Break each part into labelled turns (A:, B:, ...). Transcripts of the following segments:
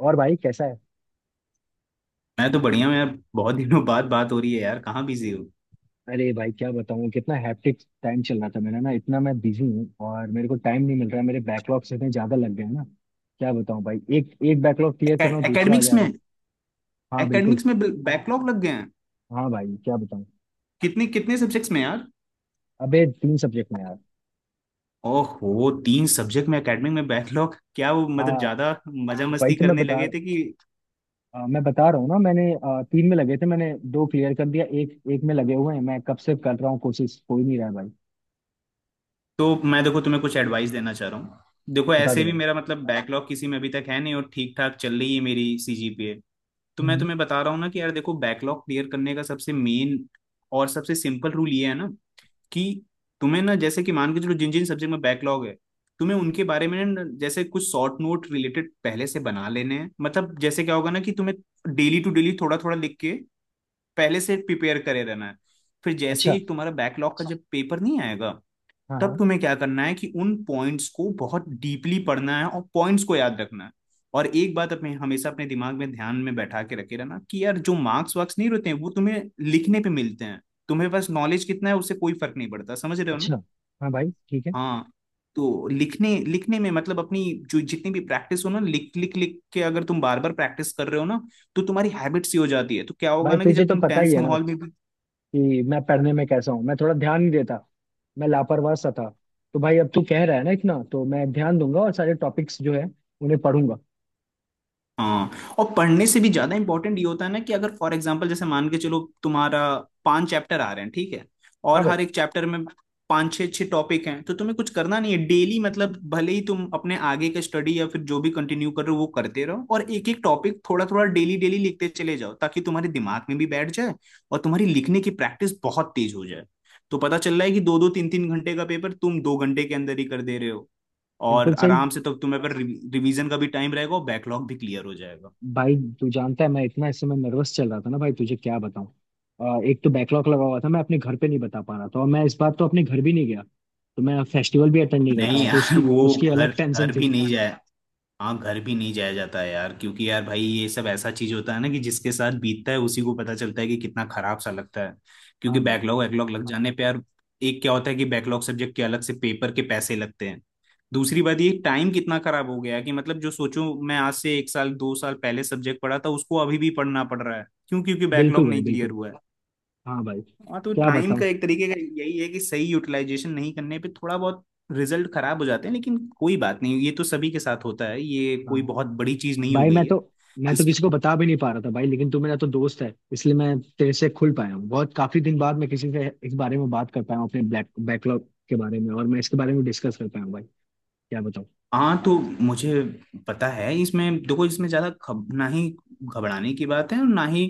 A: और भाई कैसा है।
B: मैं तो बढ़िया हूँ यार। बहुत दिनों बाद बात हो रही है यार, कहाँ बिजी हो?
A: अरे भाई, क्या बताऊँ कितना हैप्टिक टाइम चल रहा था मेरा ना। इतना मैं बिजी हूँ और मेरे को टाइम नहीं मिल रहा है। मेरे बैकलॉग्स इतने ज्यादा लग गए हैं ना। क्या बताऊँ भाई, एक एक बैकलॉग क्लियर कर रहा हूँ, दूसरा आ
B: एकेडमिक्स
A: जा
B: में?
A: रहा है। हाँ बिल्कुल।
B: एकेडमिक्स में बैकलॉग लग गए हैं?
A: हाँ भाई क्या बताऊँ।
B: कितने कितने सब्जेक्ट्स में यार?
A: अबे तीन सब्जेक्ट में यार।
B: ओहो, तीन सब्जेक्ट में एकेडमिक में बैकलॉग, क्या वो मतलब
A: हाँ
B: ज्यादा मजा
A: भाई।
B: मस्ती करने लगे थे कि?
A: मैं बता रहा हूँ ना, मैंने तीन में लगे थे, मैंने दो क्लियर कर दिया, एक एक में लगे हुए हैं। मैं कब से कर रहा हूँ, कोशिश हो ही नहीं रहा है भाई।
B: तो मैं देखो तुम्हें कुछ एडवाइस देना चाह रहा हूँ। देखो,
A: बता दे
B: ऐसे भी
A: भाई।
B: मेरा मतलब बैकलॉग किसी में अभी तक है नहीं और ठीक ठाक चल रही है मेरी सीजीपीए। तो मैं
A: हम्म।
B: तुम्हें बता रहा हूँ ना कि यार देखो, बैकलॉग क्लियर करने का सबसे मेन और सबसे सिंपल रूल ये है ना कि तुम्हें ना, जैसे कि मान के चलो जिन जिन सब्जेक्ट में बैकलॉग है तुम्हें उनके बारे में ना जैसे कुछ शॉर्ट नोट रिलेटेड पहले से बना लेने हैं। मतलब जैसे क्या होगा ना कि तुम्हें डेली टू डेली थोड़ा थोड़ा लिख के पहले से प्रिपेयर करे रहना है। फिर जैसे
A: अच्छा।
B: ही तुम्हारा बैकलॉग का जब पेपर नहीं आएगा,
A: हाँ
B: तब
A: हाँ।
B: तुम्हें क्या करना है कि उन पॉइंट्स को बहुत डीपली पढ़ना है और पॉइंट्स को याद रखना है। और एक बात अपने हमेशा अपने दिमाग में ध्यान में बैठा के रखे रहना कि यार जो मार्क्स वार्क्स नहीं रहते हैं वो तुम्हें लिखने पे मिलते हैं। तुम्हें बस नॉलेज कितना है उससे कोई फर्क नहीं पड़ता, समझ रहे हो ना?
A: अच्छा। हाँ भाई ठीक है।
B: हाँ, तो लिखने लिखने में मतलब अपनी जो जितनी भी प्रैक्टिस हो ना, लिख लिख लिख के अगर तुम बार बार प्रैक्टिस कर रहे हो ना तो तुम्हारी हैबिट्स ही हो जाती है। तो क्या होगा
A: भाई
B: ना कि
A: तुझे
B: जब
A: तो
B: तुम
A: पता ही
B: टेंस
A: है ना
B: माहौल में भी।
A: कि मैं पढ़ने में कैसा हूँ। मैं थोड़ा ध्यान नहीं देता, मैं लापरवाह सा था। तो भाई अब तू कह रहा है ना, इतना तो मैं ध्यान दूंगा और सारे टॉपिक्स जो है उन्हें पढ़ूंगा।
B: हाँ, और पढ़ने से भी ज्यादा इंपॉर्टेंट ये होता है ना कि अगर फॉर एग्जाम्पल जैसे मान के चलो, तुम्हारा पांच चैप्टर आ रहे हैं, ठीक है,
A: हाँ
B: और
A: भाई।
B: हर एक चैप्टर में पांच छः छः टॉपिक हैं। तो तुम्हें कुछ करना नहीं है डेली, मतलब भले ही तुम अपने आगे का स्टडी या फिर जो भी कंटिन्यू कर रहे हो वो करते रहो और एक एक टॉपिक थोड़ा थोड़ा डेली डेली लिखते चले जाओ ताकि तुम्हारे दिमाग में भी बैठ जाए और तुम्हारी लिखने की प्रैक्टिस बहुत तेज हो जाए। तो पता चल रहा है कि 2 2 3 3 घंटे का पेपर तुम 2 घंटे के अंदर ही कर दे रहे हो, और
A: बिल्कुल सही।
B: आराम से तब तुम्हें पर रिवीजन का भी टाइम रहेगा और बैकलॉग भी क्लियर हो जाएगा।
A: भाई तू जानता है मैं इतना इस समय नर्वस चल रहा था ना भाई, तुझे क्या बताऊँ। एक तो बैकलॉग लगा हुआ था, मैं अपने घर पे नहीं बता पा रहा था, और मैं इस बार तो अपने घर भी नहीं गया, तो मैं फेस्टिवल भी अटेंड नहीं कर पाया,
B: नहीं
A: तो
B: अच्छा यार,
A: उसकी
B: वो
A: उसकी
B: घर
A: अलग टेंशन
B: घर
A: थी।
B: भी नहीं जाया। हाँ, घर भी नहीं जाया जाता है यार, क्योंकि यार भाई ये सब ऐसा चीज होता है ना कि जिसके साथ बीतता है उसी को पता चलता है कि कितना खराब सा लगता है।
A: हाँ
B: क्योंकि
A: भाई।
B: बैकलॉग वैकलॉग लग जाने पे यार एक क्या होता है कि बैकलॉग सब्जेक्ट के अलग से पेपर के पैसे लगते हैं। दूसरी बात ये टाइम कितना खराब हो गया है कि मतलब जो सोचो, मैं आज से 1 साल 2 साल पहले सब्जेक्ट पढ़ा था उसको अभी भी पढ़ना पड़ रहा है। क्यों? क्योंकि
A: बिल्कुल
B: बैकलॉग
A: भाई
B: नहीं क्लियर
A: बिल्कुल।
B: हुआ है।
A: हाँ भाई
B: हाँ तो
A: क्या
B: टाइम
A: बताऊँ।
B: का एक तरीके का यही है कि सही यूटिलाइजेशन नहीं करने पे थोड़ा बहुत रिजल्ट खराब हो जाते हैं, लेकिन कोई बात नहीं, ये तो सभी के साथ होता है, ये कोई
A: हाँ
B: बहुत बड़ी चीज नहीं हो
A: भाई। मैं
B: गई है।
A: तो मैं तो
B: इस
A: किसी को बता भी नहीं पा रहा था भाई, लेकिन तू मेरा तो दोस्त है इसलिए मैं तेरे से खुल पाया हूँ। बहुत काफी दिन बाद मैं किसी से इस बारे में बात कर पाया हूँ, अपने ब्लैक बैकलॉग के बारे में, और मैं इसके बारे में डिस्कस कर पाया हूँ भाई। क्या बताऊँ।
B: हाँ तो मुझे पता है, इसमें देखो इसमें ज्यादा ना ही घबराने की बात है और ना ही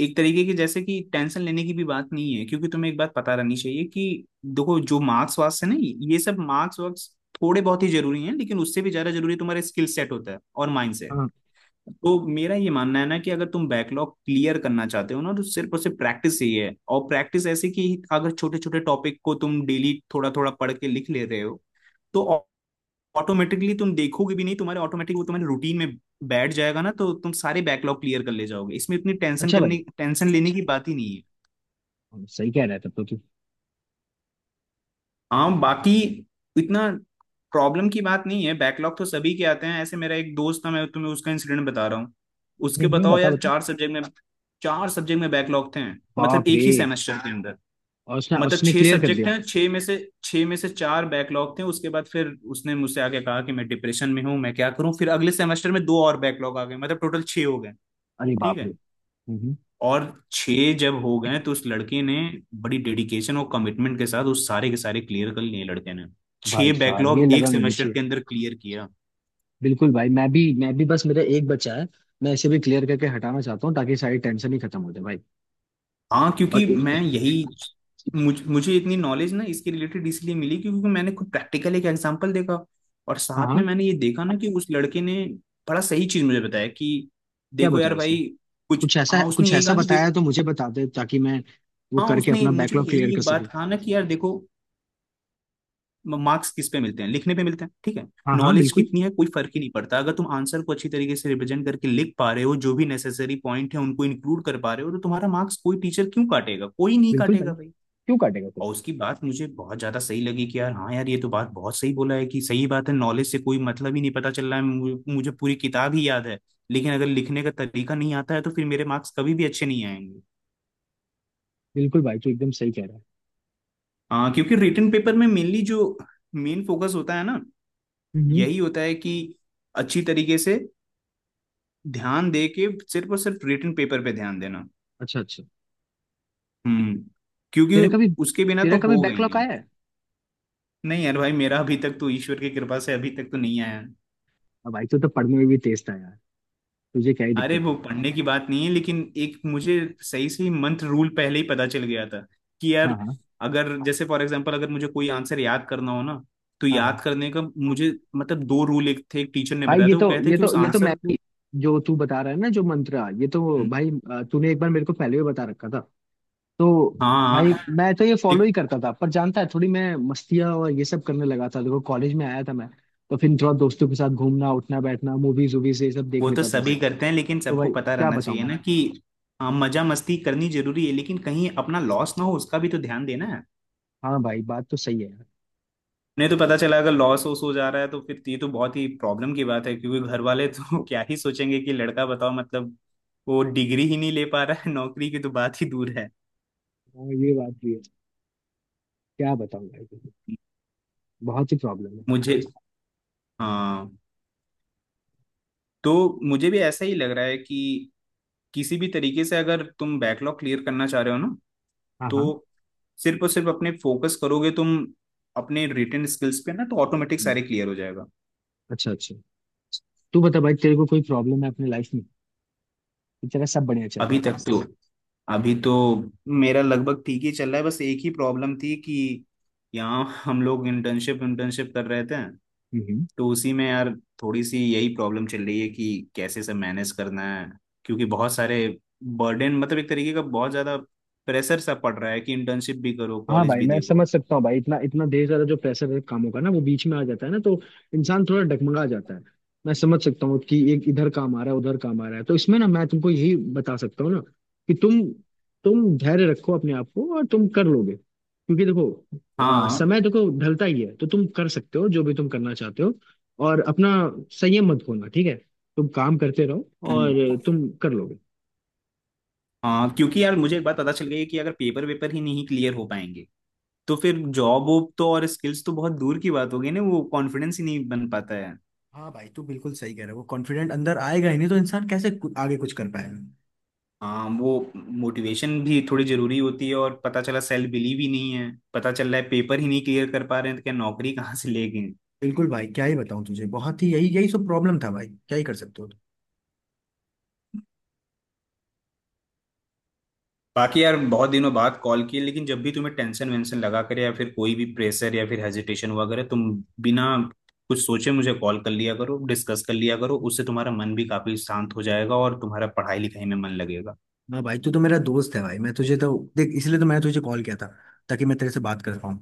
B: एक तरीके की जैसे कि टेंशन लेने की भी बात नहीं है, क्योंकि तुम्हें एक बात पता रहनी चाहिए कि देखो जो मार्क्स वार्क्स है ना, ये सब मार्क्स वार्क्स थोड़े बहुत ही जरूरी हैं लेकिन उससे भी ज्यादा जरूरी तुम्हारे स्किल सेट होता है और माइंड सेट।
A: हाँ।
B: तो मेरा ये मानना है ना कि अगर तुम बैकलॉग क्लियर करना चाहते हो ना, तो सिर्फ और सिर्फ प्रैक्टिस ही है। और प्रैक्टिस ऐसे कि अगर छोटे छोटे टॉपिक को तुम डेली थोड़ा थोड़ा पढ़ के लिख ले रहे हो, तो ऑटोमेटिकली तुम देखोगे भी नहीं, तुम्हारे ऑटोमेटिक वो तुम्हारे रूटीन में बैठ जाएगा ना, तो तुम सारे बैकलॉग क्लियर कर ले जाओगे। इसमें इतनी टेंशन
A: अच्छा भाई।
B: करने टेंशन लेने की बात ही नहीं है।
A: हाँ, सही कह रहा है तब तो तू।
B: हाँ बाकी इतना प्रॉब्लम की बात नहीं है, बैकलॉग तो सभी के आते हैं। ऐसे मेरा एक दोस्त था, मैं तुम्हें उसका इंसिडेंट बता रहा हूँ। उसके बताओ
A: बता
B: यार
A: बता।
B: चार सब्जेक्ट में, चार सब्जेक्ट में बैकलॉग थे। मतलब
A: बाप
B: एक
A: रे।
B: ही सेमेस्टर के अंदर,
A: और उसने
B: मतलब
A: उसने
B: छह
A: क्लियर कर
B: सब्जेक्ट
A: दिया?
B: हैं, छह में से चार बैकलॉग थे। उसके बाद फिर उसने मुझसे आके कहा कि मैं डिप्रेशन में हूँ, मैं क्या करूँ। फिर अगले सेमेस्टर में दो और बैकलॉग आ गए, मतलब टोटल छह हो गए,
A: अरे
B: ठीक
A: बाप रे।
B: है।
A: हम्म।
B: और छह जब हो गए तो उस लड़के ने बड़ी डेडिकेशन और कमिटमेंट के साथ उस सारे के सारे क्लियर कर लिए लड़के ने।
A: भाई
B: छह
A: साहब ये
B: बैकलॉग एक
A: लगन होनी
B: सेमेस्टर
A: चाहिए।
B: के अंदर क्लियर किया।
A: बिल्कुल भाई। मैं भी बस, मेरा एक बच्चा है, मैं इसे भी क्लियर करके हटाना चाहता हूँ ताकि सारी टेंशन ही खत्म हो जाए भाई।
B: हाँ
A: और
B: क्योंकि मैं यही मुझे इतनी नॉलेज ना इसके रिलेटेड इसलिए मिली क्योंकि मैंने खुद प्रैक्टिकल एक एग्जांपल देखा और
A: हाँ
B: साथ में
A: हाँ।
B: मैंने ये देखा ना कि उस लड़के ने बड़ा सही चीज मुझे बताया कि
A: क्या
B: देखो यार
A: बताया उसने?
B: भाई। कुछ हाँ, उसने
A: कुछ
B: यही
A: ऐसा
B: कहा कि
A: बताया
B: देखो,
A: है तो मुझे बता दे, ताकि मैं वो
B: हाँ
A: करके
B: उसने
A: अपना
B: मुझे
A: बैकलॉग क्लियर
B: यही
A: कर
B: एक बात
A: सकूं।
B: कहा ना कि यार देखो मार्क्स किस पे मिलते हैं? लिखने पे मिलते हैं, ठीक है।
A: हाँ हाँ
B: नॉलेज
A: बिल्कुल।
B: कितनी है कोई फर्क ही नहीं पड़ता, अगर तुम आंसर को अच्छी तरीके से रिप्रेजेंट करके लिख पा रहे हो, जो भी नेसेसरी पॉइंट है उनको इंक्लूड कर पा रहे हो, तो तुम्हारा मार्क्स कोई टीचर क्यों काटेगा? कोई नहीं
A: बिल्कुल भाई।
B: काटेगा भाई।
A: क्यों काटेगा कोई।
B: और उसकी बात मुझे बहुत ज्यादा सही लगी कि यार हाँ यार, ये तो बात बहुत सही बोला है, कि सही बात है, नॉलेज से कोई मतलब ही नहीं। पता चल रहा है, मुझे मुझे पूरी किताब ही याद है, लेकिन अगर लिखने का तरीका नहीं आता है तो फिर मेरे मार्क्स कभी भी अच्छे नहीं आएंगे।
A: बिल्कुल भाई तू एकदम सही कह रहा है।
B: हाँ क्योंकि रिटन पेपर में मेनली जो मेन फोकस होता है ना,
A: हम्म।
B: यही होता है कि अच्छी तरीके से ध्यान दे के सिर्फ और सिर्फ रिटन पेपर पे ध्यान देना।
A: अच्छा अच्छा।
B: हम्म, क्योंकि
A: तेरा कभी,
B: उसके बिना
A: तेरा
B: तो
A: कभी
B: होगा ही
A: बैकलॉग
B: नहीं।
A: आया है?
B: नहीं यार भाई, मेरा अभी तक तो ईश्वर की कृपा से अभी तक तो नहीं आया।
A: अब भाई तू तो पढ़ने में भी तेज था यार, तुझे क्या ही
B: अरे
A: दिक्कत
B: वो
A: है।
B: पढ़ने की बात नहीं है, लेकिन एक मुझे सही सही मंत्र रूल पहले ही पता चल गया था कि यार
A: हाँ हाँ।
B: अगर जैसे फॉर एग्जांपल अगर मुझे कोई आंसर याद करना हो ना, तो
A: हाँ हाँ।
B: याद करने का मुझे मतलब दो रूल एक थे, एक टीचर ने
A: भाई
B: बताया
A: ये
B: था, वो
A: तो
B: कहते हैं
A: ये
B: कि
A: तो
B: उस
A: ये तो मैं,
B: आंसर को।
A: जो तू बता रहा है ना, जो मंत्र, ये तो
B: हम्म।
A: भाई तूने एक बार मेरे को पहले भी बता रखा था। तो
B: हाँ हाँ,
A: भाई
B: हाँ।
A: मैं तो ये फॉलो
B: एक-
A: ही करता था, पर जानता है थोड़ी मैं मस्तियाँ और ये सब करने लगा था। देखो कॉलेज में आया था मैं, तो फिर थोड़ा दोस्तों के साथ घूमना उठना बैठना, मूवीज वूवीज ये सब देख
B: वो तो
A: लेता था भाई।
B: सभी करते हैं, लेकिन
A: तो
B: सबको
A: भाई
B: पता
A: क्या
B: रहना
A: बताऊं
B: चाहिए
A: मैं।
B: ना कि हाँ मजा मस्ती करनी जरूरी है लेकिन कहीं अपना लॉस ना हो उसका भी तो ध्यान देना।
A: हाँ भाई बात तो सही है यार।
B: नहीं तो पता चला अगर लॉस वॉस हो जा रहा है तो फिर ये तो बहुत ही प्रॉब्लम की बात है, क्योंकि घर वाले तो क्या ही सोचेंगे कि लड़का बताओ, मतलब वो डिग्री ही नहीं ले पा रहा है, नौकरी की तो बात ही दूर है।
A: हाँ ये बात भी है। क्या बताऊं भाई, बहुत ही प्रॉब्लम है।
B: मुझे हाँ तो मुझे भी ऐसा ही लग रहा है कि किसी भी तरीके से अगर तुम बैकलॉग क्लियर करना चाह रहे हो ना,
A: हाँ
B: तो
A: हाँ।
B: सिर्फ और सिर्फ अपने फोकस करोगे तुम अपने रिटेन स्किल्स पे ना तो ऑटोमेटिक
A: हम्म,
B: सारे क्लियर हो जाएगा।
A: अच्छा अच्छा। तू बता भाई, तेरे को कोई प्रॉब्लम है अपनी लाइफ में, कि तेरा सब बढ़िया चल रहा
B: अभी
A: है?
B: तक तो अभी तो मेरा लगभग ठीक ही चल रहा है, बस एक ही प्रॉब्लम थी कि यहाँ हम लोग इंटर्नशिप इंटर्नशिप कर रहे थे।
A: हम्म हम्म।
B: तो उसी में यार थोड़ी सी यही प्रॉब्लम चल रही है कि कैसे सब मैनेज करना है, क्योंकि बहुत सारे बर्डन, मतलब एक तरीके का बहुत ज्यादा प्रेशर सा पड़ रहा है कि इंटर्नशिप भी करो
A: हाँ
B: कॉलेज
A: भाई
B: भी
A: मैं
B: देखो।
A: समझ सकता हूँ भाई। इतना इतना देर, ज्यादा जो प्रेशर है कामों का ना, वो बीच में आ जाता है ना, तो इंसान थोड़ा डगमगा जाता है। मैं समझ सकता हूँ कि एक इधर काम आ रहा है, उधर काम आ रहा है, तो इसमें ना मैं तुमको यही बता सकता हूँ ना कि तुम धैर्य रखो अपने आप को और तुम कर लोगे, क्योंकि देखो
B: हाँ।
A: समय देखो ढलता ही है, तो तुम कर सकते हो जो भी तुम करना चाहते हो। और अपना संयम मत खोना, ठीक है। तुम काम करते रहो
B: हम्म।
A: और तुम कर लोगे।
B: हाँ क्योंकि यार मुझे एक बात पता चल गई है कि अगर पेपर वेपर ही नहीं क्लियर हो पाएंगे तो फिर जॉब वॉब तो और स्किल्स तो बहुत दूर की बात हो गई ना, वो कॉन्फिडेंस ही नहीं बन पाता है।
A: हाँ भाई तू बिल्कुल सही कह रहा है। वो कॉन्फिडेंट अंदर आएगा ही नहीं तो इंसान कैसे आगे कुछ कर पाएगा।
B: हाँ वो मोटिवेशन भी थोड़ी जरूरी होती है और पता चला सेल्फ बिलीव ही नहीं है, पता चल रहा है पेपर ही नहीं क्लियर कर पा रहे हैं, तो क्या नौकरी कहाँ से लेंगे।
A: बिल्कुल भाई, क्या ही बताऊं तुझे, बहुत ही यही यही सब प्रॉब्लम था भाई, क्या ही कर सकते हो तुम।
B: बाकी यार बहुत दिनों बाद कॉल किए, लेकिन जब भी तुम्हें टेंशन वेंशन लगा करे या फिर कोई भी प्रेशर या फिर हेजिटेशन हुआ करे, तुम बिना कुछ सोचे मुझे कॉल कर लिया करो, डिस्कस कर लिया करो, उससे तुम्हारा मन भी काफी शांत हो जाएगा और तुम्हारा पढ़ाई लिखाई में मन लगेगा।
A: हाँ भाई तू तो मेरा दोस्त है भाई, मैं तुझे तो देख, इसलिए तो मैंने तुझे कॉल किया था, ताकि मैं तेरे से बात कर पाऊँ।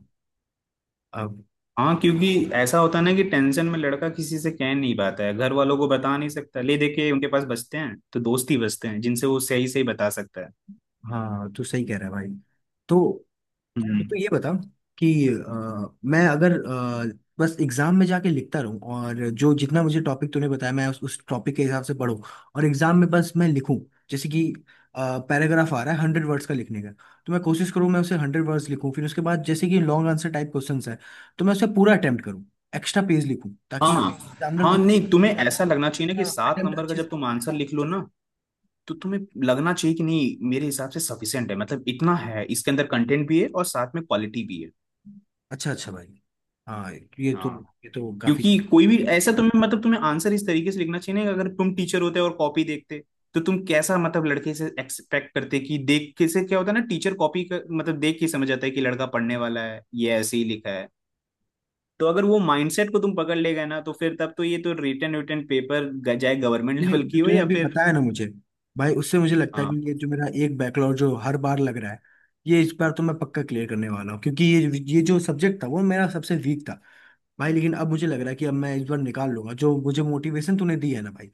A: अब
B: हाँ क्योंकि ऐसा होता है ना कि टेंशन में लड़का किसी से कह नहीं पाता है, घर वालों को बता नहीं सकता, ले देके उनके पास बचते हैं तो दोस्त ही बचते हैं जिनसे वो सही सही बता सकता है।
A: हाँ, तू सही कह रहा है भाई। तो तो
B: हम्म।
A: तो ये बता कि मैं अगर बस एग्जाम में जाके लिखता रहूं, और जो जितना मुझे टॉपिक तूने बताया मैं उस टॉपिक के हिसाब से पढूं, और एग्जाम में बस मैं लिखूं, जैसे कि पैराग्राफ आ रहा है 100 वर्ड्स का लिखने का, तो मैं कोशिश करूं मैं उसे 100 वर्ड्स लिखूं। फिर उसके बाद जैसे कि लॉन्ग आंसर टाइप क्वेश्चंस है, तो मैं उसे पूरा अटेम्प्ट करूं, एक्स्ट्रा पेज लिखूं, ताकि
B: हाँ
A: एग्जामिनर को
B: हाँ,
A: लगे
B: नहीं
A: कि
B: तुम्हें
A: मैं
B: ऐसा लगना चाहिए ना
A: ना
B: कि सात
A: अटेम्प्ट
B: नंबर का
A: अच्छे
B: जब
A: से।
B: तुम आंसर लिख लो ना, तो तुम्हें लगना चाहिए कि नहीं मेरे हिसाब से सफिशियंट है, मतलब इतना है, इसके अंदर कंटेंट भी है और साथ में क्वालिटी भी
A: अच्छा अच्छा भाई। हाँ, ये तो,
B: है।
A: ये तो काफी।
B: क्योंकि कोई भी ऐसा तुम्हें मतलब तुम्हें आंसर इस तरीके से लिखना चाहिए ना कि अगर तुम टीचर होते और कॉपी देखते, तो तुम कैसा मतलब लड़के से एक्सपेक्ट करते कि देख के से क्या होता है ना। टीचर कॉपी कर मतलब देख के समझ जाता है कि लड़का पढ़ने वाला है ये ऐसे ही लिखा है। तो अगर वो माइंडसेट को तुम पकड़ ले गए ना, तो फिर तब तो ये तो रिटन रिटन पेपर चाहे गवर्नमेंट
A: तूने
B: लेवल
A: जो,
B: की हो
A: तूने
B: या
A: भी
B: फिर।
A: बताया ना मुझे भाई, उससे मुझे लगता है
B: हाँ।
A: कि ये जो मेरा एक बैकलॉग जो हर बार लग रहा है, ये इस बार तो मैं पक्का क्लियर करने वाला हूँ, क्योंकि ये जो सब्जेक्ट था वो मेरा सबसे वीक था भाई। लेकिन अब मुझे लग रहा है कि अब मैं इस बार निकाल लूंगा। जो मुझे मोटिवेशन तूने दी है ना भाई,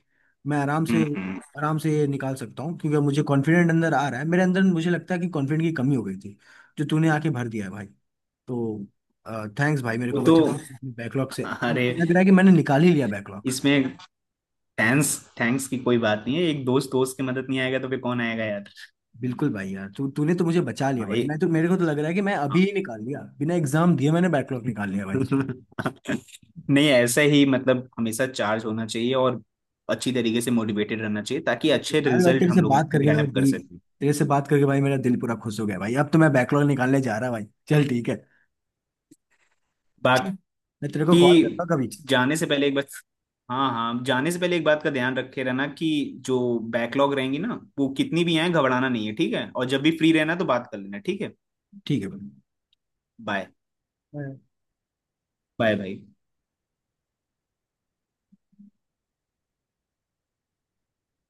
A: मैं आराम से,
B: हम्म हम्म।
A: आराम से ये निकाल सकता हूँ, क्योंकि अब मुझे कॉन्फिडेंट अंदर आ रहा है मेरे अंदर। मुझे लगता है कि कॉन्फिडेंट की कमी हो गई थी, जो तूने आके भर दिया है भाई। तो थैंक्स भाई, मेरे
B: वो
A: को
B: तो
A: बचाने बैकलॉग से।
B: अरे
A: लग रहा है कि मैंने निकाल ही लिया बैकलॉग।
B: इसमें थैंक्स थैंक्स की कोई बात नहीं है, एक दोस्त दोस्त की मदद नहीं आएगा तो फिर कौन आएगा यार।
A: बिल्कुल भाई, यार तू तूने तो मुझे बचा लिया
B: हाँ,
A: भाई। मैं तो, मेरे को तो लग रहा है कि मैं अभी ही निकाल लिया, बिना एग्जाम दिए मैंने बैकलॉग निकाल लिया भाई।
B: नहीं ऐसे ही मतलब हमेशा चार्ज होना चाहिए और अच्छी तरीके से मोटिवेटेड रहना चाहिए ताकि अच्छे
A: अरे भाई
B: रिजल्ट
A: तेरे से
B: हम लोग
A: बात करके मेरा
B: ग्रैब कर
A: दिल,
B: सकें।
A: तेरे से बात करके भाई मेरा दिल पूरा खुश हो गया भाई। अब तो मैं बैकलॉग निकालने जा रहा भाई। चल ठीक है। चल, मैं तेरे को कॉल करता
B: बाकी
A: हूँ कभी।
B: जाने से पहले एक बार, हाँ हाँ जाने से पहले एक बात का ध्यान रखे रहना कि जो बैकलॉग रहेंगी ना वो कितनी भी आए घबराना नहीं है, ठीक है। और जब भी फ्री रहना तो बात कर लेना, ठीक है।
A: ठीक है
B: बाय।
A: भाई।
B: बाय भाई।